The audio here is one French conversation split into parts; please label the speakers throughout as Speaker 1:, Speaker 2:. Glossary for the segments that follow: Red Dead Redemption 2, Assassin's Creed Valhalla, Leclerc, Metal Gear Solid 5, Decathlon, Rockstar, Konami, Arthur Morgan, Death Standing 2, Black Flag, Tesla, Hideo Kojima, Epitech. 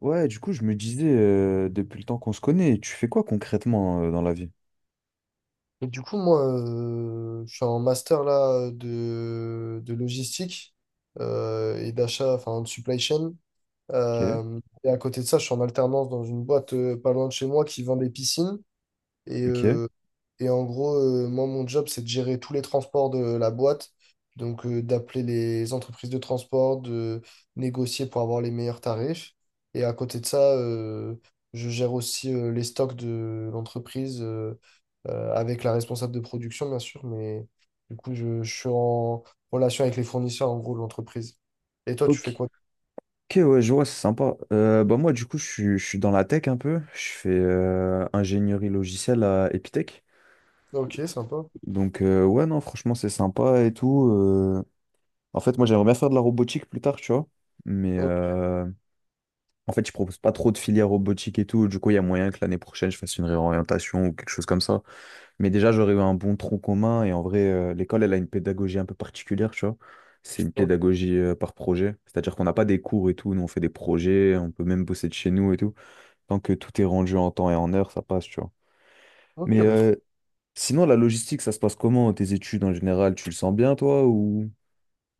Speaker 1: Ouais, du coup, je me disais, depuis le temps qu'on se connaît, tu fais quoi concrètement dans la vie?
Speaker 2: Et du coup, moi, je suis en master là de logistique et d'achat, enfin de supply chain.
Speaker 1: Ok,
Speaker 2: Et à côté de ça, je suis en alternance dans une boîte pas loin de chez moi qui vend des piscines. Et,
Speaker 1: ok.
Speaker 2: euh, et en gros, moi, mon job, c'est de gérer tous les transports de la boîte. Donc, d'appeler les entreprises de transport, de négocier pour avoir les meilleurs tarifs. Et à côté de ça, je gère aussi les stocks de l'entreprise avec la responsable de production, bien sûr. Mais du coup, je suis en relation avec les fournisseurs, en gros, de l'entreprise. Et toi, tu fais
Speaker 1: Ok,
Speaker 2: quoi?
Speaker 1: ok, ouais, je vois, c'est sympa. Bah moi, du coup, je suis dans la tech un peu. Je fais ingénierie logicielle à Epitech.
Speaker 2: Ok, sympa.
Speaker 1: Donc, ouais, non, franchement, c'est sympa et tout. En fait, moi, j'aimerais bien faire de la robotique plus tard, tu vois. Mais
Speaker 2: Ok,
Speaker 1: en fait, je propose pas trop de filière robotique et tout. Du coup, il y a moyen que l'année prochaine, je fasse une réorientation ou quelque chose comme ça. Mais déjà, j'aurais eu un bon tronc commun. Et en vrai, l'école, elle a une pédagogie un peu particulière, tu vois. C'est une
Speaker 2: ok,
Speaker 1: pédagogie par projet. C'est-à-dire qu'on n'a pas des cours et tout. Nous, on fait des projets. On peut même bosser de chez nous et tout. Tant que tout est rendu en temps et en heure, ça passe, tu vois.
Speaker 2: ok,
Speaker 1: Mais
Speaker 2: bah, trop.
Speaker 1: sinon, la logistique, ça se passe comment? Tes études en général, tu le sens bien, toi, ou…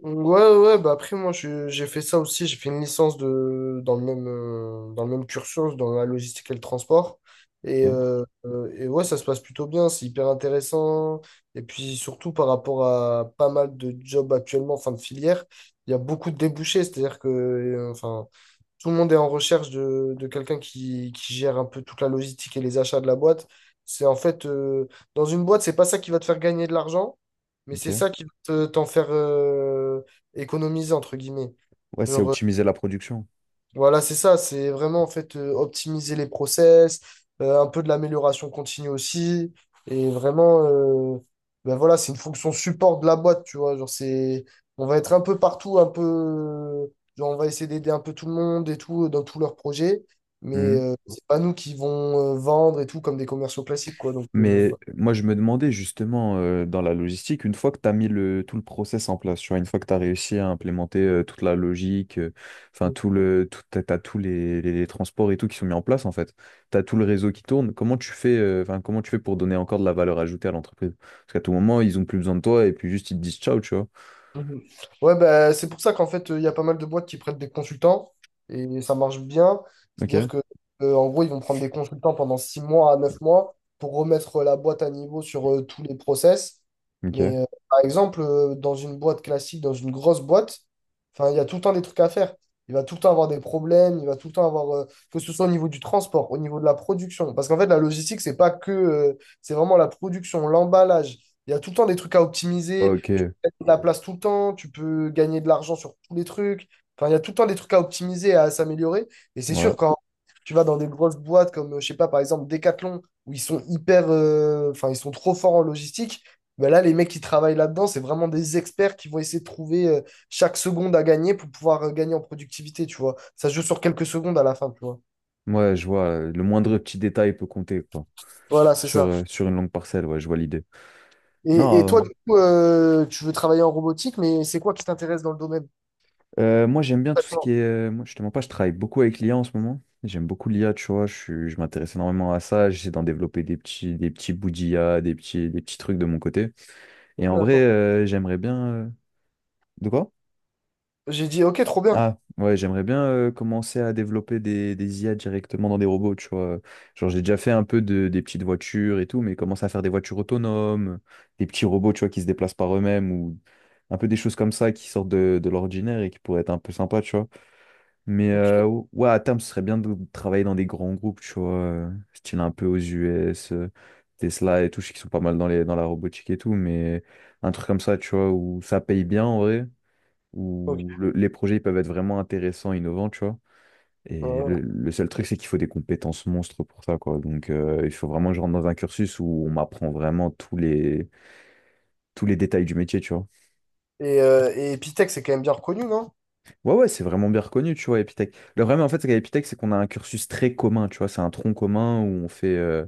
Speaker 2: Ouais, ouais, bah après, moi, j'ai fait ça aussi. J'ai fait une licence de, dans le même cursus, dans la logistique et le transport. Et, ok.
Speaker 1: Ok,
Speaker 2: Et ouais, ça se passe plutôt bien. C'est hyper intéressant. Et puis, surtout par rapport à pas mal de jobs actuellement, enfin de filière, il y a beaucoup de débouchés. C'est-à-dire que, enfin, tout le monde est en recherche de quelqu'un qui gère un peu toute la logistique et les achats de la boîte. C'est en fait, dans une boîte, c'est pas ça qui va te faire gagner de l'argent, mais c'est
Speaker 1: ok.
Speaker 2: ça qui va t'en faire économiser, entre guillemets.
Speaker 1: Ouais, c'est
Speaker 2: Genre,
Speaker 1: optimiser la production.
Speaker 2: voilà, c'est ça, c'est vraiment en fait optimiser les process, un peu de l'amélioration continue aussi, et vraiment, ben voilà, c'est une fonction support de la boîte, tu vois, genre c'est, on va être un peu partout, un peu, genre on va essayer d'aider un peu tout le monde et tout dans tous leurs projets, mais
Speaker 1: Mmh.
Speaker 2: c'est pas nous qui vont vendre et tout comme des commerciaux classiques, quoi, donc
Speaker 1: Mais
Speaker 2: voilà.
Speaker 1: moi, je me demandais justement dans la logistique, une fois que tu as mis tout le process en place, tu vois, une fois que tu as réussi à implémenter toute la logique, enfin, tout le, tout, t'as, t'as tous les transports et tout qui sont mis en place, en fait, tu as tout le réseau qui tourne, comment tu fais, enfin, comment tu fais pour donner encore de la valeur ajoutée à l'entreprise? Parce qu'à tout moment, ils ont plus besoin de toi et puis juste ils te disent ciao, tu vois.
Speaker 2: Mhm. Ouais, bah, c'est pour ça qu'en fait, il y a pas mal de boîtes qui prêtent des consultants et ça marche bien.
Speaker 1: Ok,
Speaker 2: C'est-à-dire que, en gros, ils vont prendre des consultants pendant 6 mois à 9 mois pour remettre la boîte à niveau sur tous les process.
Speaker 1: ok,
Speaker 2: Mais par exemple, dans une boîte classique, dans une grosse boîte, enfin, il y a tout le temps des trucs à faire. Il va tout le temps avoir des problèmes, il va tout le temps avoir, que ce soit au niveau du transport, au niveau de la production. Parce qu'en fait, la logistique, c'est pas que, c'est vraiment la production, l'emballage. Il y a tout le temps des trucs à optimiser
Speaker 1: ok,
Speaker 2: de la place tout le temps, tu peux gagner de l'argent sur tous les trucs. Enfin, il y a tout le temps des trucs à optimiser, et à s'améliorer. Et c'est
Speaker 1: ouais,
Speaker 2: sûr, quand tu vas dans des grosses boîtes comme, je sais pas, par exemple, Decathlon, où ils sont hyper, enfin, ils sont trop forts en logistique, ben là, les mecs qui travaillent là-dedans, c'est vraiment des experts qui vont essayer de trouver chaque seconde à gagner pour pouvoir gagner en productivité, tu vois. Ça se joue sur quelques secondes à la fin, tu vois.
Speaker 1: ouais, je vois, le moindre petit détail peut compter, quoi,
Speaker 2: Voilà, c'est
Speaker 1: sur,
Speaker 2: ça.
Speaker 1: sur une longue parcelle, ouais, je vois l'idée.
Speaker 2: Et
Speaker 1: Non,
Speaker 2: toi, du coup, tu veux travailler en robotique, mais c'est quoi qui t'intéresse dans le domaine?
Speaker 1: Moi, j'aime bien tout ce qui
Speaker 2: D'accord,
Speaker 1: est. Moi, je te mens pas, je travaille beaucoup avec l'IA en ce moment. J'aime beaucoup l'IA, tu vois. Je m'intéresse énormément à ça. J'essaie d'en développer des petits bouts d'IA, des petits trucs de mon côté.
Speaker 2: ok,
Speaker 1: Et en vrai,
Speaker 2: d'accord.
Speaker 1: j'aimerais bien. De quoi?
Speaker 2: J'ai dit, ok, trop bien.
Speaker 1: Ah, ouais, j'aimerais bien commencer à développer des IA directement dans des robots, tu vois. Genre, j'ai déjà fait un peu des petites voitures et tout, mais commencer à faire des voitures autonomes, des petits robots, tu vois, qui se déplacent par eux-mêmes ou un peu des choses comme ça qui sortent de l'ordinaire et qui pourraient être un peu sympas, tu vois. Mais
Speaker 2: Ok.
Speaker 1: ouais, à terme, ce serait bien de travailler dans des grands groupes, tu vois, style un peu aux US, Tesla et tout, je sais qu'ils sont pas mal dans dans la robotique et tout, mais un truc comme ça, tu vois, où ça paye bien en vrai,
Speaker 2: Ok.
Speaker 1: où les projets ils peuvent être vraiment intéressants, innovants, tu vois. Et
Speaker 2: Ouais.
Speaker 1: le seul truc, c'est qu'il faut des compétences monstres pour ça, quoi. Donc, il faut vraiment que je rentre dans un cursus où on m'apprend vraiment tous les détails du métier, tu vois.
Speaker 2: Et Epitech, c'est quand même bien reconnu, non?
Speaker 1: Ouais, ouais, c'est vraiment bien reconnu, tu vois, Epitech. Le problème, en fait, c'est qu'à Epitech, c'est qu'on a un cursus très commun, tu vois, c'est un tronc commun où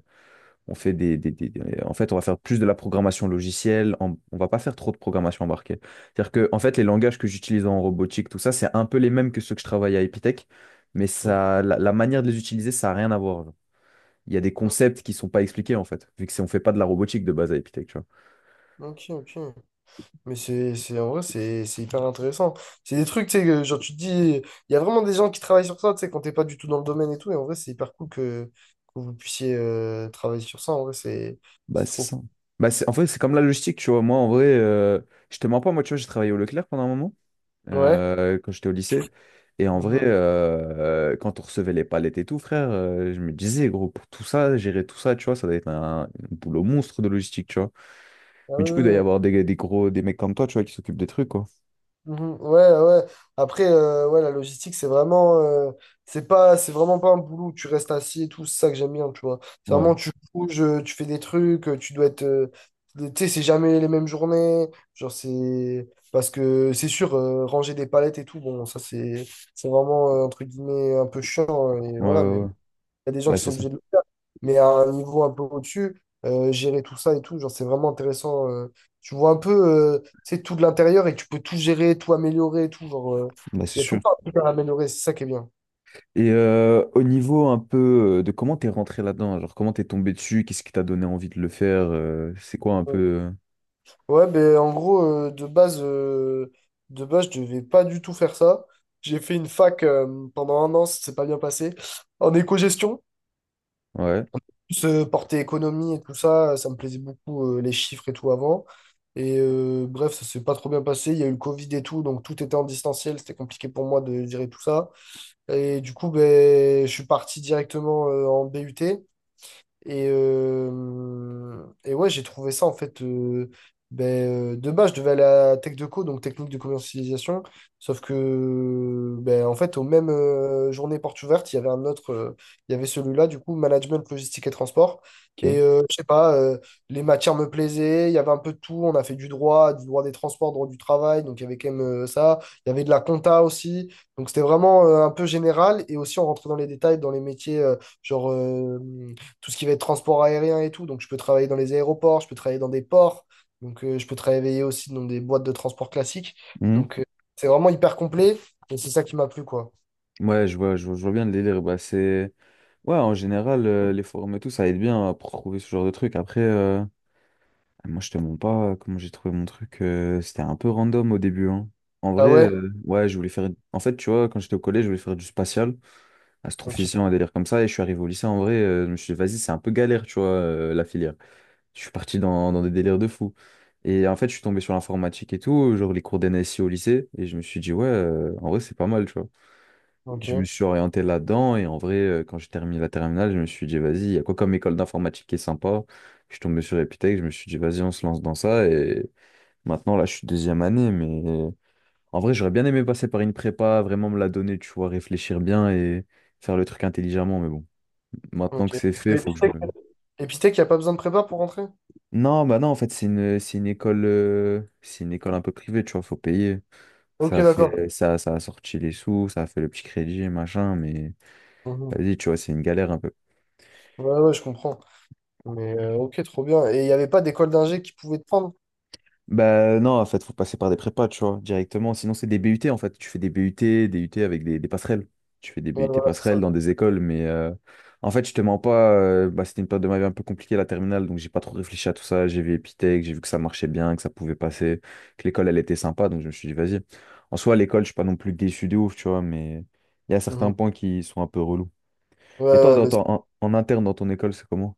Speaker 1: on fait En fait, on va faire plus de la programmation logicielle, on va pas faire trop de programmation embarquée. C'est-à-dire que, en fait, les langages que j'utilise en robotique, tout ça, c'est un peu les mêmes que ceux que je travaille à Epitech, mais
Speaker 2: Ok,
Speaker 1: ça, la manière de les utiliser, ça a rien à voir. Il y a des concepts qui sont pas expliqués, en fait, vu que on fait pas de la robotique de base à Epitech, tu vois.
Speaker 2: ok, ok. Mais c'est, en vrai, c'est hyper intéressant. C'est des trucs, tu sais, que, genre, tu te dis, il y a vraiment des gens qui travaillent sur ça, tu sais, quand t'es pas du tout dans le domaine et tout. Et en vrai, c'est hyper cool que vous puissiez travailler sur ça. En vrai, c'est
Speaker 1: Bah,
Speaker 2: c'est
Speaker 1: c'est
Speaker 2: trop
Speaker 1: ça. Bah, c'est, en fait, c'est comme la logistique, tu vois. Moi, en vrai, je te mens pas, moi, tu vois, j'ai travaillé au Leclerc pendant un moment,
Speaker 2: cool. Ouais.
Speaker 1: quand j'étais au lycée. Et en vrai,
Speaker 2: Mhm.
Speaker 1: quand on recevait les palettes et tout, frère, je me disais, gros, pour tout ça, gérer tout ça, tu vois, ça doit être un boulot monstre de logistique, tu vois.
Speaker 2: Ah
Speaker 1: Mais
Speaker 2: ouais,
Speaker 1: du coup, il
Speaker 2: ouais,
Speaker 1: doit y
Speaker 2: ouais.
Speaker 1: avoir des mecs comme toi, tu vois, qui s'occupent des trucs, quoi.
Speaker 2: Mhm. Ouais, ouais, ouais. Après, ouais, la logistique, c'est vraiment, c'est pas, c'est vraiment pas un boulot où tu restes assis et tout. C'est ça que j'aime bien, tu vois. C'est
Speaker 1: Ouais,
Speaker 2: vraiment, tu bouges, tu fais des trucs, tu dois être, tu sais, c'est jamais les mêmes journées. Genre, c'est parce que c'est sûr, ranger des palettes et tout. Bon, ça, c'est vraiment, entre guillemets, un peu chiant, hein. Et
Speaker 1: ouais,
Speaker 2: voilà, mais
Speaker 1: ouais, ouais.
Speaker 2: y a des gens
Speaker 1: Bah,
Speaker 2: qui
Speaker 1: c'est
Speaker 2: sont
Speaker 1: ça.
Speaker 2: obligés de le faire. Mais à un niveau un peu au-dessus, gérer tout ça et tout, genre, c'est vraiment intéressant. Tu vois un peu, c'est tout de l'intérieur et tu peux tout gérer, tout améliorer, et tout. Genre,
Speaker 1: Bah, c'est
Speaker 2: il y a tout
Speaker 1: sûr.
Speaker 2: le temps un truc à améliorer, c'est ça qui est bien.
Speaker 1: Et au niveau un peu de comment t'es rentré là-dedans, genre comment t'es tombé dessus, qu'est-ce qui t'a donné envie de le faire, c'est quoi un peu…
Speaker 2: Ouais, ben en gros, de base, je devais pas du tout faire ça. J'ai fait une fac pendant un an, ça s'est pas bien passé, en éco-gestion.
Speaker 1: Ouais,
Speaker 2: Ce porté économie et tout ça, ça me plaisait beaucoup, les chiffres et tout avant. Bref, ça s'est pas trop bien passé. Il y a eu le Covid et tout, donc tout était en distanciel. C'était compliqué pour moi de gérer tout ça. Et du coup, ben, je suis parti directement en BUT. Et ouais, j'ai trouvé ça en fait. Ben, de base, je devais aller à Tech de co donc technique de commercialisation. Sauf que, ben, en fait, aux mêmes journées portes ouvertes, il y avait un autre. Il y avait celui-là, du coup, management, logistique et transport.
Speaker 1: ok.
Speaker 2: Je sais pas, les matières me plaisaient, il y avait un peu de tout. On a fait du droit des transports, droit du travail, donc il y avait quand même ça. Il y avait de la compta aussi. Donc c'était vraiment un peu général. Et aussi, on rentrait dans les détails, dans les métiers, genre. euh, tout ce qui va être transport aérien et tout. Donc, je peux travailler dans les aéroports, je peux travailler dans des ports, donc je peux travailler aussi dans des boîtes de transport classiques.
Speaker 1: Mhm.
Speaker 2: Donc, c'est vraiment hyper complet et c'est ça qui m'a plu, quoi.
Speaker 1: Ouais, je vois, je vois, je vois bien le délire. Bah, c'est… Ouais, en général, les forums et tout, ça aide bien à trouver ce genre de truc. Après, moi, je te mens pas comment j'ai trouvé mon truc. C'était un peu random au début, hein. En
Speaker 2: Ah
Speaker 1: vrai,
Speaker 2: ouais?
Speaker 1: ouais, je voulais faire. En fait, tu vois, quand j'étais au collège, je voulais faire du spatial,
Speaker 2: Ok,
Speaker 1: astrophysicien, un délire comme ça. Et je suis arrivé au lycée, en vrai, je me suis dit, vas-y, c'est un peu galère, tu vois, la filière. Je suis parti dans des délires de fou. Et en fait, je suis tombé sur l'informatique et tout, genre les cours d'NSI au lycée. Et je me suis dit, ouais, en vrai, c'est pas mal, tu vois. Je me
Speaker 2: ok,
Speaker 1: suis orienté là-dedans et en vrai, quand j'ai terminé la terminale, je me suis dit, vas-y, il y a quoi comme école d'informatique qui est sympa? Je suis tombé sur Epitech, je me suis dit, vas-y, on se lance dans ça. Et maintenant, là, je suis deuxième année, mais en vrai, j'aurais bien aimé passer par une prépa, vraiment me la donner, tu vois, réfléchir bien et faire le truc intelligemment. Mais bon, maintenant
Speaker 2: ok.
Speaker 1: que c'est
Speaker 2: Parce que
Speaker 1: fait, faut que je
Speaker 2: Epitech,
Speaker 1: me…
Speaker 2: Epitech, il n'y a pas besoin de prépa pour rentrer?
Speaker 1: Non, bah non, en fait, c'est une école un peu privée, tu vois, faut payer.
Speaker 2: Ok,
Speaker 1: Ça a
Speaker 2: d'accord.
Speaker 1: fait, ça a sorti les sous, ça a fait le petit crédit, machin, mais
Speaker 2: Mhm.
Speaker 1: vas-y, tu vois, c'est une galère un peu.
Speaker 2: Ouais, ouais, je comprends. Mais ok, trop bien. Et il n'y avait pas d'école d'ingé qui pouvait te prendre?
Speaker 1: Bah non, en fait, faut passer par des prépas, tu vois, directement. Sinon, c'est des BUT, en fait. Tu fais des BUT, des UT avec des passerelles. Tu fais des
Speaker 2: Ouais,
Speaker 1: BUT
Speaker 2: voilà, c'est
Speaker 1: passerelles
Speaker 2: ça.
Speaker 1: dans des écoles, mais en fait, je te mens pas, bah, c'était une période de ma vie un peu compliquée, la terminale, donc j'ai pas trop réfléchi à tout ça. J'ai vu Epitech, j'ai vu que ça marchait bien, que ça pouvait passer, que l'école, elle était sympa, donc je me suis dit, vas-y. En soi, à l'école, je suis pas non plus déçu de ouf, tu vois, mais il y a certains
Speaker 2: Mhm.
Speaker 1: points qui sont un peu relous.
Speaker 2: Ouais,
Speaker 1: Et toi,
Speaker 2: ouais,
Speaker 1: dans
Speaker 2: bah,
Speaker 1: en interne, dans ton école, c'est comment?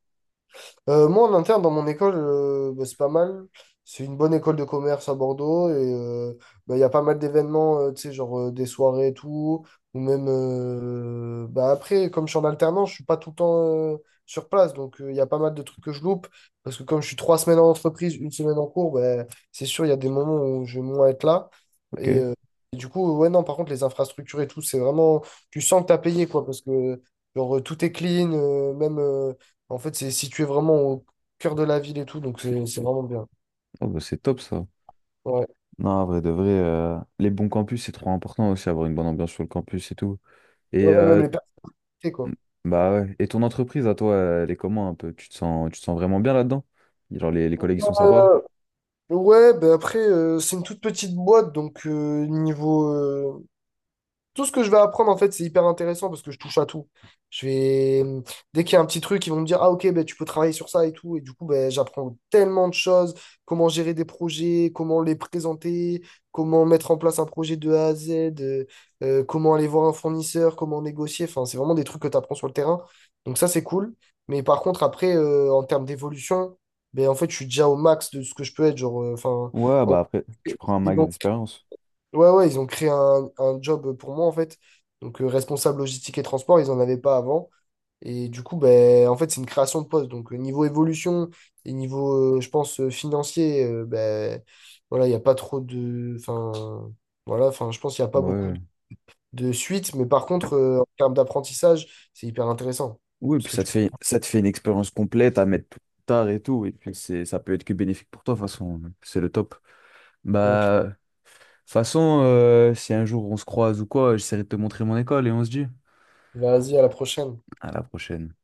Speaker 2: Moi, en interne, dans mon école, bah, c'est pas mal. C'est une bonne école de commerce à Bordeaux et bah, il y a pas mal d'événements, tu sais, genre des soirées et tout. Ou même, bah, après, comme je suis en alternance, je suis pas tout le temps sur place. Donc, il y a pas mal de trucs que je loupe. Parce que comme je suis trois semaines en entreprise, une semaine en cours, bah, c'est sûr, il y a des moments où je vais moins être là.
Speaker 1: Ok.
Speaker 2: Et, euh, et du coup, ouais, non, par contre, les infrastructures et tout, c'est vraiment, tu sens que t'as payé, quoi, parce que genre, tout est clean, même. En fait, c'est situé vraiment au cœur de la ville et tout, donc c'est vraiment bien.
Speaker 1: Oh, bah, c'est top, ça.
Speaker 2: Ouais.
Speaker 1: Non, en vrai de vrai, les bons campus, c'est trop important aussi, avoir une bonne ambiance sur le campus et tout. Et,
Speaker 2: Ouais, même les personnalités, quoi.
Speaker 1: bah ouais. Et ton entreprise, à toi, elle est comment un peu? Tu te sens vraiment bien là-dedans? Genre, les collègues, ils sont sympas?
Speaker 2: Ouais, bah après, c'est une toute petite boîte, donc tout ce que je vais apprendre, en fait, c'est hyper intéressant parce que je touche à tout. Je vais... hum, Dès qu'il y a un petit truc, ils vont me dire, ah ok, ben, tu peux travailler sur ça et tout. Et du coup, ben, j'apprends tellement de choses, comment gérer des projets, comment les présenter, comment mettre en place un projet de A à Z, euh, comment aller voir un fournisseur, comment négocier. Enfin, c'est vraiment des trucs que tu apprends sur le terrain. Donc ça, c'est cool. Mais par contre, après, en termes d'évolution, ben, en fait, je suis déjà au max de ce que je peux être. Genre,
Speaker 1: Ouais, bah après, tu prends un max
Speaker 2: en-
Speaker 1: d'expérience.
Speaker 2: Ouais, ouais, ils ont créé un job pour moi, en fait. Donc, responsable logistique et transport, ils n'en avaient pas avant. Et du coup, ben, en fait, c'est une création de poste. Donc, niveau évolution et niveau, je pense, financier, ben, voilà, il n'y a pas trop de. Enfin, voilà, enfin, je pense qu'il n'y a pas beaucoup
Speaker 1: Ouais.
Speaker 2: de suite. Mais par contre, en termes d'apprentissage, c'est hyper intéressant.
Speaker 1: Oui,
Speaker 2: Parce
Speaker 1: puis
Speaker 2: que tu.
Speaker 1: ça te fait une expérience complète à mettre plus tard et tout. Et puis, c'est, ça peut être que bénéfique pour toi, de toute façon. C'est le top. Bah, de toute façon, si un jour on se croise ou quoi, j'essaierai de te montrer mon école et on se dit
Speaker 2: Vas-y, à la prochaine.
Speaker 1: à la prochaine.